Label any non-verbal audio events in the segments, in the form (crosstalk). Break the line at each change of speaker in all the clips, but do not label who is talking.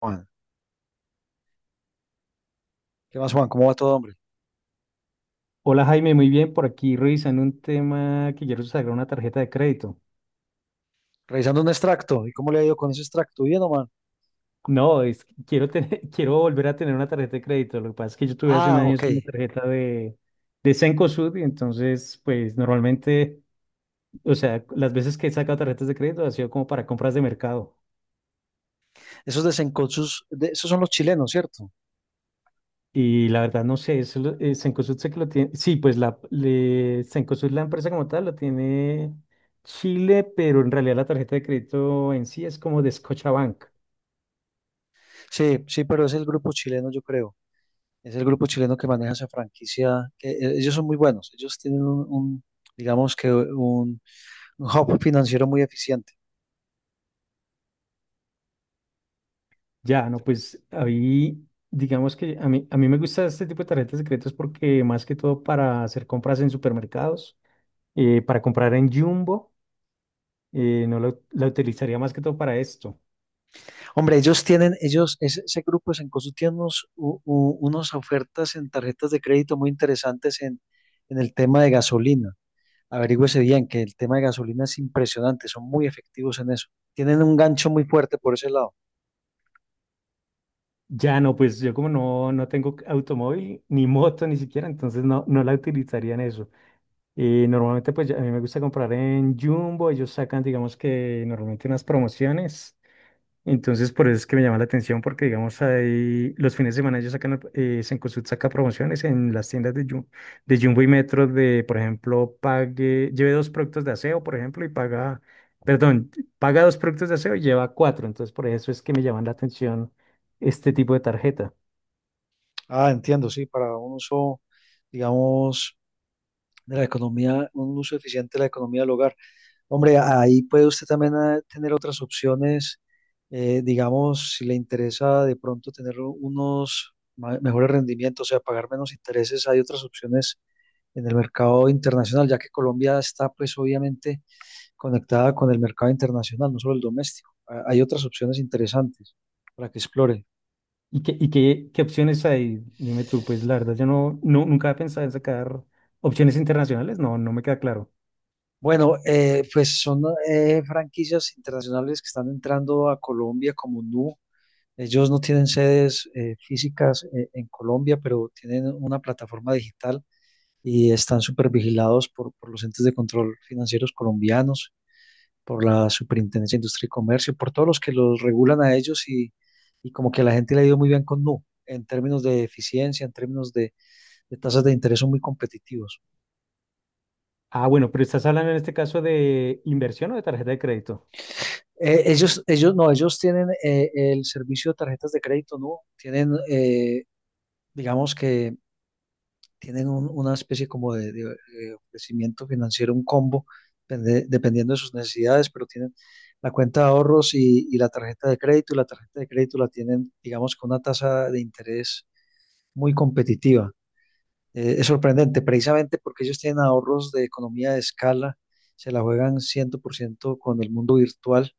Juan. ¿Qué más, Juan? ¿Cómo va todo, hombre?
Hola Jaime, muy bien, por aquí revisando un tema que quiero sacar una tarjeta de crédito.
Revisando un extracto. ¿Y cómo le ha ido con ese extracto? Bien, o man.
No, es que quiero tener, (laughs) quiero volver a tener una tarjeta de crédito. Lo que pasa es que yo tuve hace
Ah,
unos
ok.
años una tarjeta de Cencosud y entonces, pues normalmente, o sea, las veces que he sacado tarjetas de crédito ha sido como para compras de mercado.
Esos desencochos, esos son los chilenos, ¿cierto?
Y la verdad no sé, eso, Cencosud sé que lo tiene, sí, pues Cencosud, la empresa como tal, lo tiene Chile, pero en realidad la tarjeta de crédito en sí es como de Scotiabank.
Sí, sí, pero es el grupo chileno, yo creo. Es el grupo chileno que maneja esa franquicia. Ellos son muy buenos. Ellos tienen digamos que un hub financiero muy eficiente.
Ya, no, pues ahí, digamos que a mí me gusta este tipo de tarjetas secretas porque más que todo para hacer compras en supermercados, para comprar en Jumbo, no la utilizaría más que todo para esto.
Hombre, ellos tienen, ellos, ese grupo de Sencosu tiene unos, unas ofertas en tarjetas de crédito muy interesantes en el tema de gasolina. Averígüese bien que el tema de gasolina es impresionante, son muy efectivos en eso. Tienen un gancho muy fuerte por ese lado.
Ya no, pues yo como no tengo automóvil ni moto ni siquiera, entonces no la utilizaría en eso. Normalmente pues a mí me gusta comprar en Jumbo, ellos sacan digamos que normalmente unas promociones. Entonces, por eso es que me llama la atención, porque digamos, ahí los fines de semana ellos sacan, Cencosud saca promociones en las tiendas de, de Jumbo y Metro de, por ejemplo, pague, lleve dos productos de aseo, por ejemplo, y paga, perdón, paga dos productos de aseo y lleva cuatro. Entonces, por eso es que me llaman la atención este tipo de tarjeta.
Ah, entiendo, sí, para un uso, digamos, de la economía, un uso eficiente de la economía del hogar. Hombre, ahí puede usted también tener otras opciones, digamos, si le interesa de pronto tener unos mejores rendimientos, o sea, pagar menos intereses, hay otras opciones en el mercado internacional, ya que Colombia está, pues, obviamente conectada con el mercado internacional, no solo el doméstico. Ah, hay otras opciones interesantes para que explore.
Y qué, qué opciones hay? Dime tú, pues la verdad, yo nunca he pensado en sacar opciones internacionales, no, no me queda claro.
Bueno, pues son franquicias internacionales que están entrando a Colombia como Nu. Ellos no tienen sedes físicas en Colombia, pero tienen una plataforma digital y están súper vigilados por los entes de control financieros colombianos, por la Superintendencia de Industria y Comercio, por todos los que los regulan a ellos y como que a la gente le ha ido muy bien con Nu en términos de eficiencia, en términos de tasas de interés son muy competitivos.
Ah, bueno, pero estás hablando en este caso de inversión o de tarjeta de crédito.
No, ellos tienen el servicio de tarjetas de crédito, ¿no? Tienen, digamos que tienen una especie como ofrecimiento financiero, un combo, dependiendo de sus necesidades, pero tienen la cuenta de ahorros y la tarjeta de crédito, y la tarjeta de crédito la tienen, digamos, con una tasa de interés muy competitiva. Es sorprendente, precisamente porque ellos tienen ahorros de economía de escala, se la juegan 100% con el mundo virtual,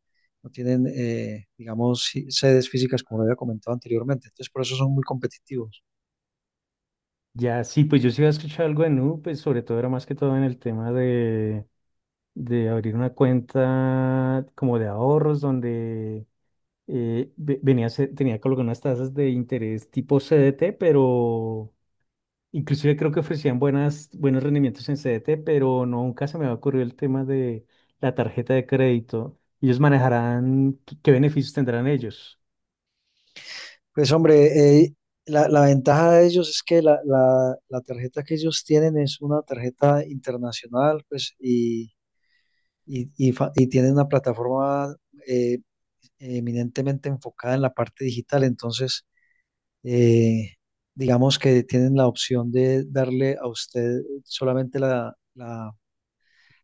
no tienen, digamos, sedes físicas como lo había comentado anteriormente, entonces por eso son muy competitivos.
Ya, sí, pues yo sí había escuchado algo de Nu, pues sobre todo era más que todo en el tema de abrir una cuenta como de ahorros donde venía, tenía colocado unas tasas de interés tipo CDT, pero inclusive creo que ofrecían buenas, buenos rendimientos en CDT, pero nunca se me había ocurrido el tema de la tarjeta de crédito. ¿Ellos manejarán qué beneficios tendrán ellos?
Pues hombre, la ventaja de ellos es que la tarjeta que ellos tienen es una tarjeta internacional, pues, y tienen una plataforma eh, eminentemente enfocada en la parte digital, entonces eh, digamos que tienen la opción de darle a usted solamente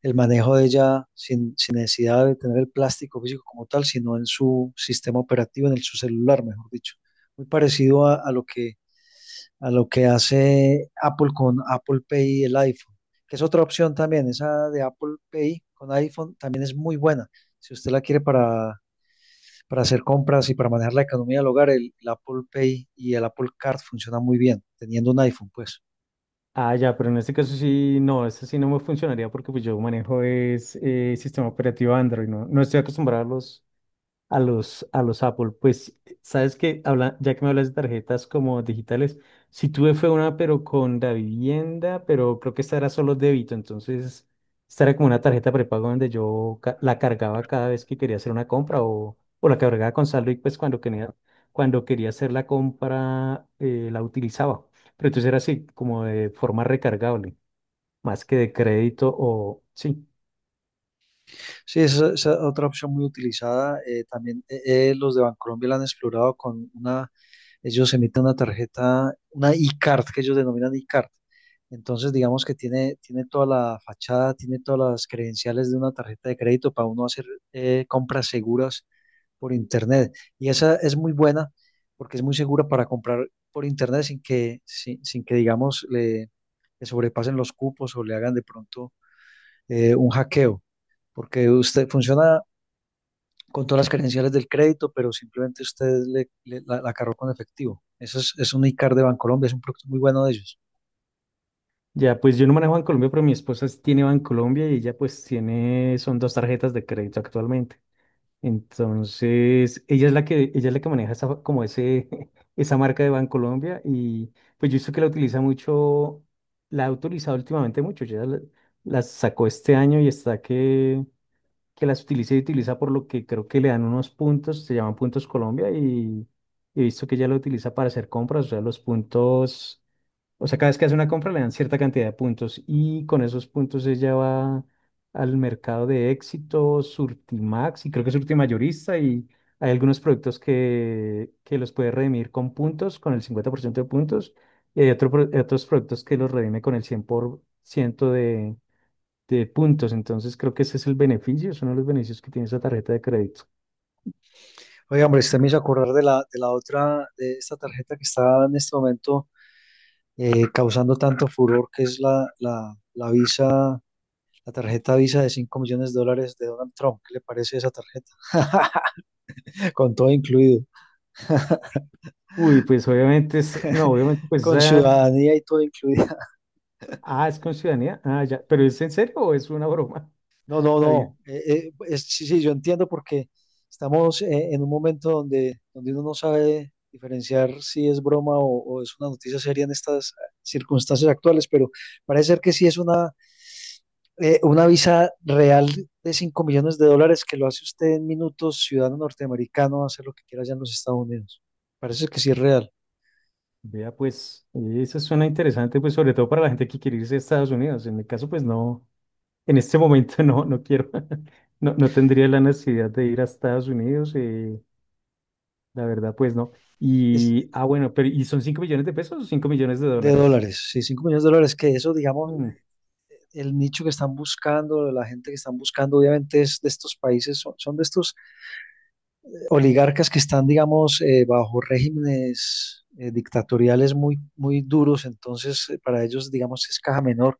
el manejo de ella, sin necesidad de tener el plástico físico como tal, sino en su sistema operativo, en el, su celular, mejor dicho. Muy parecido a lo que hace Apple con Apple Pay y el iPhone, que es otra opción también, esa de Apple Pay con iPhone también es muy buena. Si usted la quiere para hacer compras y para manejar la economía del hogar, el Apple Pay y el Apple Card funcionan muy bien, teniendo un iPhone, pues.
Ah, ya, pero en este caso sí, no, eso sí no me funcionaría porque pues yo manejo es sistema operativo Android, ¿no? No estoy acostumbrado a a los Apple. Pues, sabes que, habla, ya que me hablas de tarjetas como digitales, sí tuve fue una, pero con la vivienda, pero creo que esta era solo débito, entonces esta era como una tarjeta prepago donde yo la cargaba cada vez que quería hacer una compra o la cargaba con saldo y pues cuando quería hacer la compra la utilizaba. Pero entonces era así, como de forma recargable, más que de crédito o sí.
Sí, esa es otra opción muy utilizada. También Los de Bancolombia la han explorado con una, ellos emiten una tarjeta, una e-card, que ellos denominan e-card. Entonces, digamos que tiene, tiene toda la fachada, tiene todas las credenciales de una tarjeta de crédito para uno hacer compras seguras por internet. Y esa es muy buena porque es muy segura para comprar por internet sin que digamos, le sobrepasen los cupos o le hagan de pronto un hackeo, porque usted funciona con todas las credenciales del crédito, pero simplemente usted la cargó con efectivo. Es un iCard de Bancolombia, es un producto muy bueno de ellos.
Ya, pues yo no manejo Bancolombia, pero mi esposa sí tiene Bancolombia y ella pues tiene, son dos tarjetas de crédito actualmente. Entonces, ella es la que maneja esa, como ese, (laughs) esa marca de Bancolombia y pues yo he visto que la utiliza mucho, la ha utilizado últimamente mucho, ya la sacó este año y está que las utiliza y utiliza por lo que creo que le dan unos puntos, se llaman puntos Colombia y he visto que ella lo utiliza para hacer compras, o sea, los puntos, o sea, cada vez que hace una compra le dan cierta cantidad de puntos y con esos puntos ella va al mercado de Éxito, Surtimax y creo que Surtimayorista y hay algunos productos que los puede redimir con puntos, con el 50% de puntos y hay otros productos que los redime con el 100% de puntos. Entonces creo que ese es el beneficio, es uno de los beneficios que tiene esa tarjeta de crédito.
Oiga, hombre, usted me hizo acordar de la otra, de esta tarjeta que está en este momento causando tanto furor, que es la Visa. La tarjeta Visa de 5 millones de dólares de Donald Trump. ¿Qué le parece esa tarjeta? (laughs) Con todo incluido.
Uy, pues obviamente es, no, obviamente pues
Con
esa,
ciudadanía y todo incluido. (laughs)
ah, es con ciudadanía, ah, ya, pero ¿es en serio o es una broma?
No, no,
(laughs) la.
no. Sí, sí, yo entiendo porque estamos en un momento donde, donde uno no sabe diferenciar si es broma o es una noticia seria en estas circunstancias actuales, pero parece ser que sí es una visa real de 5 millones de dólares que lo hace usted en minutos, ciudadano norteamericano, hacer lo que quiera allá en los Estados Unidos. Parece que sí es real.
Vea, pues, eso suena interesante, pues, sobre todo para la gente que quiere irse a Estados Unidos. En mi caso, pues, no, en este momento (laughs) no, no quiero, (laughs) no, no tendría la necesidad de ir a Estados Unidos, la verdad, pues, no.
Es,
Y, ah, bueno, pero, ¿y son 5 millones de pesos o 5 millones de
De
dólares?
dólares, sí, 5 millones de dólares, que eso, digamos,
Mm,
el nicho que están buscando, la gente que están buscando, obviamente es de estos países, son de estos oligarcas que están, digamos, bajo regímenes dictatoriales muy, muy duros, entonces para ellos, digamos, es caja menor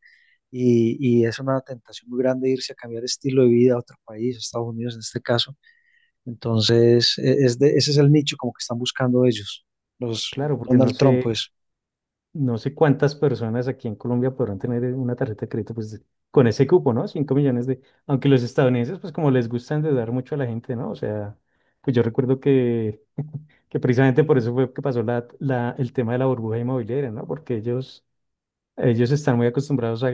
y es una tentación muy grande irse a cambiar estilo de vida a otro país, Estados Unidos en este caso. Entonces, ese es el nicho como que están buscando ellos, los
claro, porque no
Donald Trump,
sé.
pues.
No sé cuántas personas aquí en Colombia podrán tener una tarjeta de crédito pues, con ese cupo, ¿no? Cinco millones de... Aunque los estadounidenses, pues como les gusta endeudar mucho a la gente, ¿no? O sea, pues yo recuerdo que, (laughs) que precisamente por eso fue que pasó la, el tema de la burbuja inmobiliaria, ¿no? Porque ellos están muy acostumbrados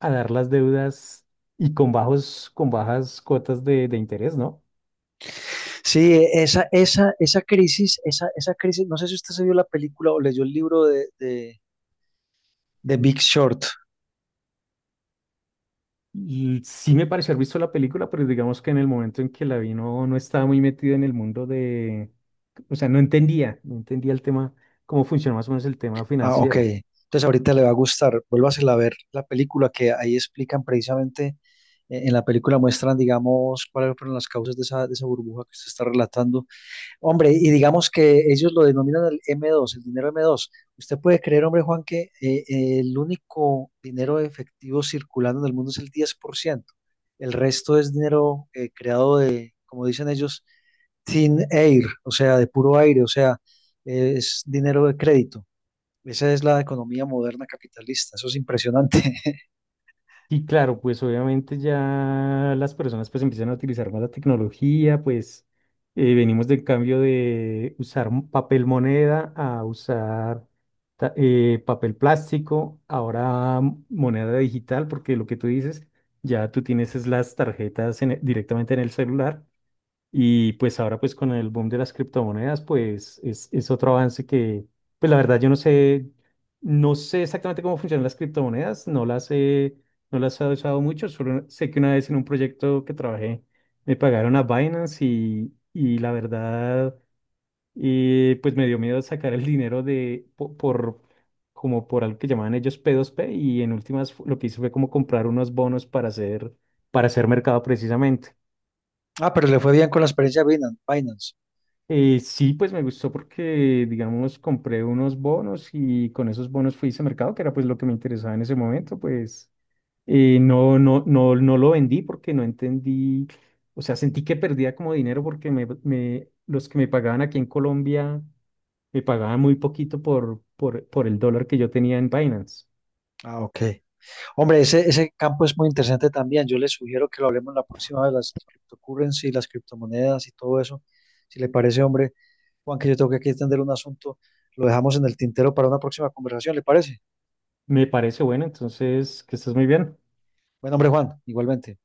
a dar las deudas y con bajos, con bajas cuotas de interés, ¿no?
Sí, esa crisis, esa crisis, no sé si usted se vio la película o leyó el libro de Big Short.
Sí me pareció haber visto la película, pero digamos que en el momento en que la vi no, no estaba muy metida en el mundo de, o sea, no entendía el tema, cómo funciona más o menos el tema
Ah, ok.
financiero.
Entonces ahorita le va a gustar. Vuélvasela a ver la película que ahí explican precisamente, en la película muestran, digamos, cuáles fueron las causas de esa burbuja que usted está relatando. Hombre, y digamos que ellos lo denominan el M2, el dinero M2. Usted puede creer, hombre Juan, que el único dinero efectivo circulando en el mundo es el 10%. El resto es dinero creado de, como dicen ellos, thin air, o sea, de puro aire, o sea, es dinero de crédito. Esa es la economía moderna capitalista. Eso es impresionante. (laughs)
Y claro, pues obviamente ya las personas pues empiezan a utilizar más la tecnología, pues venimos del cambio de usar papel moneda a usar papel plástico, ahora moneda digital, porque lo que tú dices, ya tú tienes es las tarjetas en directamente en el celular y pues ahora pues con el boom de las criptomonedas pues es otro avance que pues la verdad yo no sé, no sé exactamente cómo funcionan las criptomonedas, no las he, no las he usado mucho, solo sé que una vez en un proyecto que trabajé me pagaron a Binance y la verdad pues me dio miedo sacar el dinero de por, como por algo que llamaban ellos P2P y en últimas lo que hice fue como comprar unos bonos para hacer mercado precisamente.
Ah, pero le fue bien con la experiencia de Binance.
Sí, pues me gustó porque, digamos, compré unos bonos y con esos bonos fui a ese mercado, que era pues lo que me interesaba en ese momento, pues no, no lo vendí porque no entendí, o sea, sentí que perdía como dinero porque los que me pagaban aquí en Colombia me pagaban muy poquito por, por el dólar que yo tenía en Binance.
Ah, ok. Hombre, ese campo es muy interesante también. Yo les sugiero que lo hablemos la próxima vez, las cryptocurrency, las criptomonedas y todo eso. Si le parece, hombre, Juan, que yo tengo que aquí atender un asunto, lo dejamos en el tintero para una próxima conversación, ¿le parece?
Me parece bueno, entonces, que estás muy bien.
Bueno, hombre, Juan, igualmente.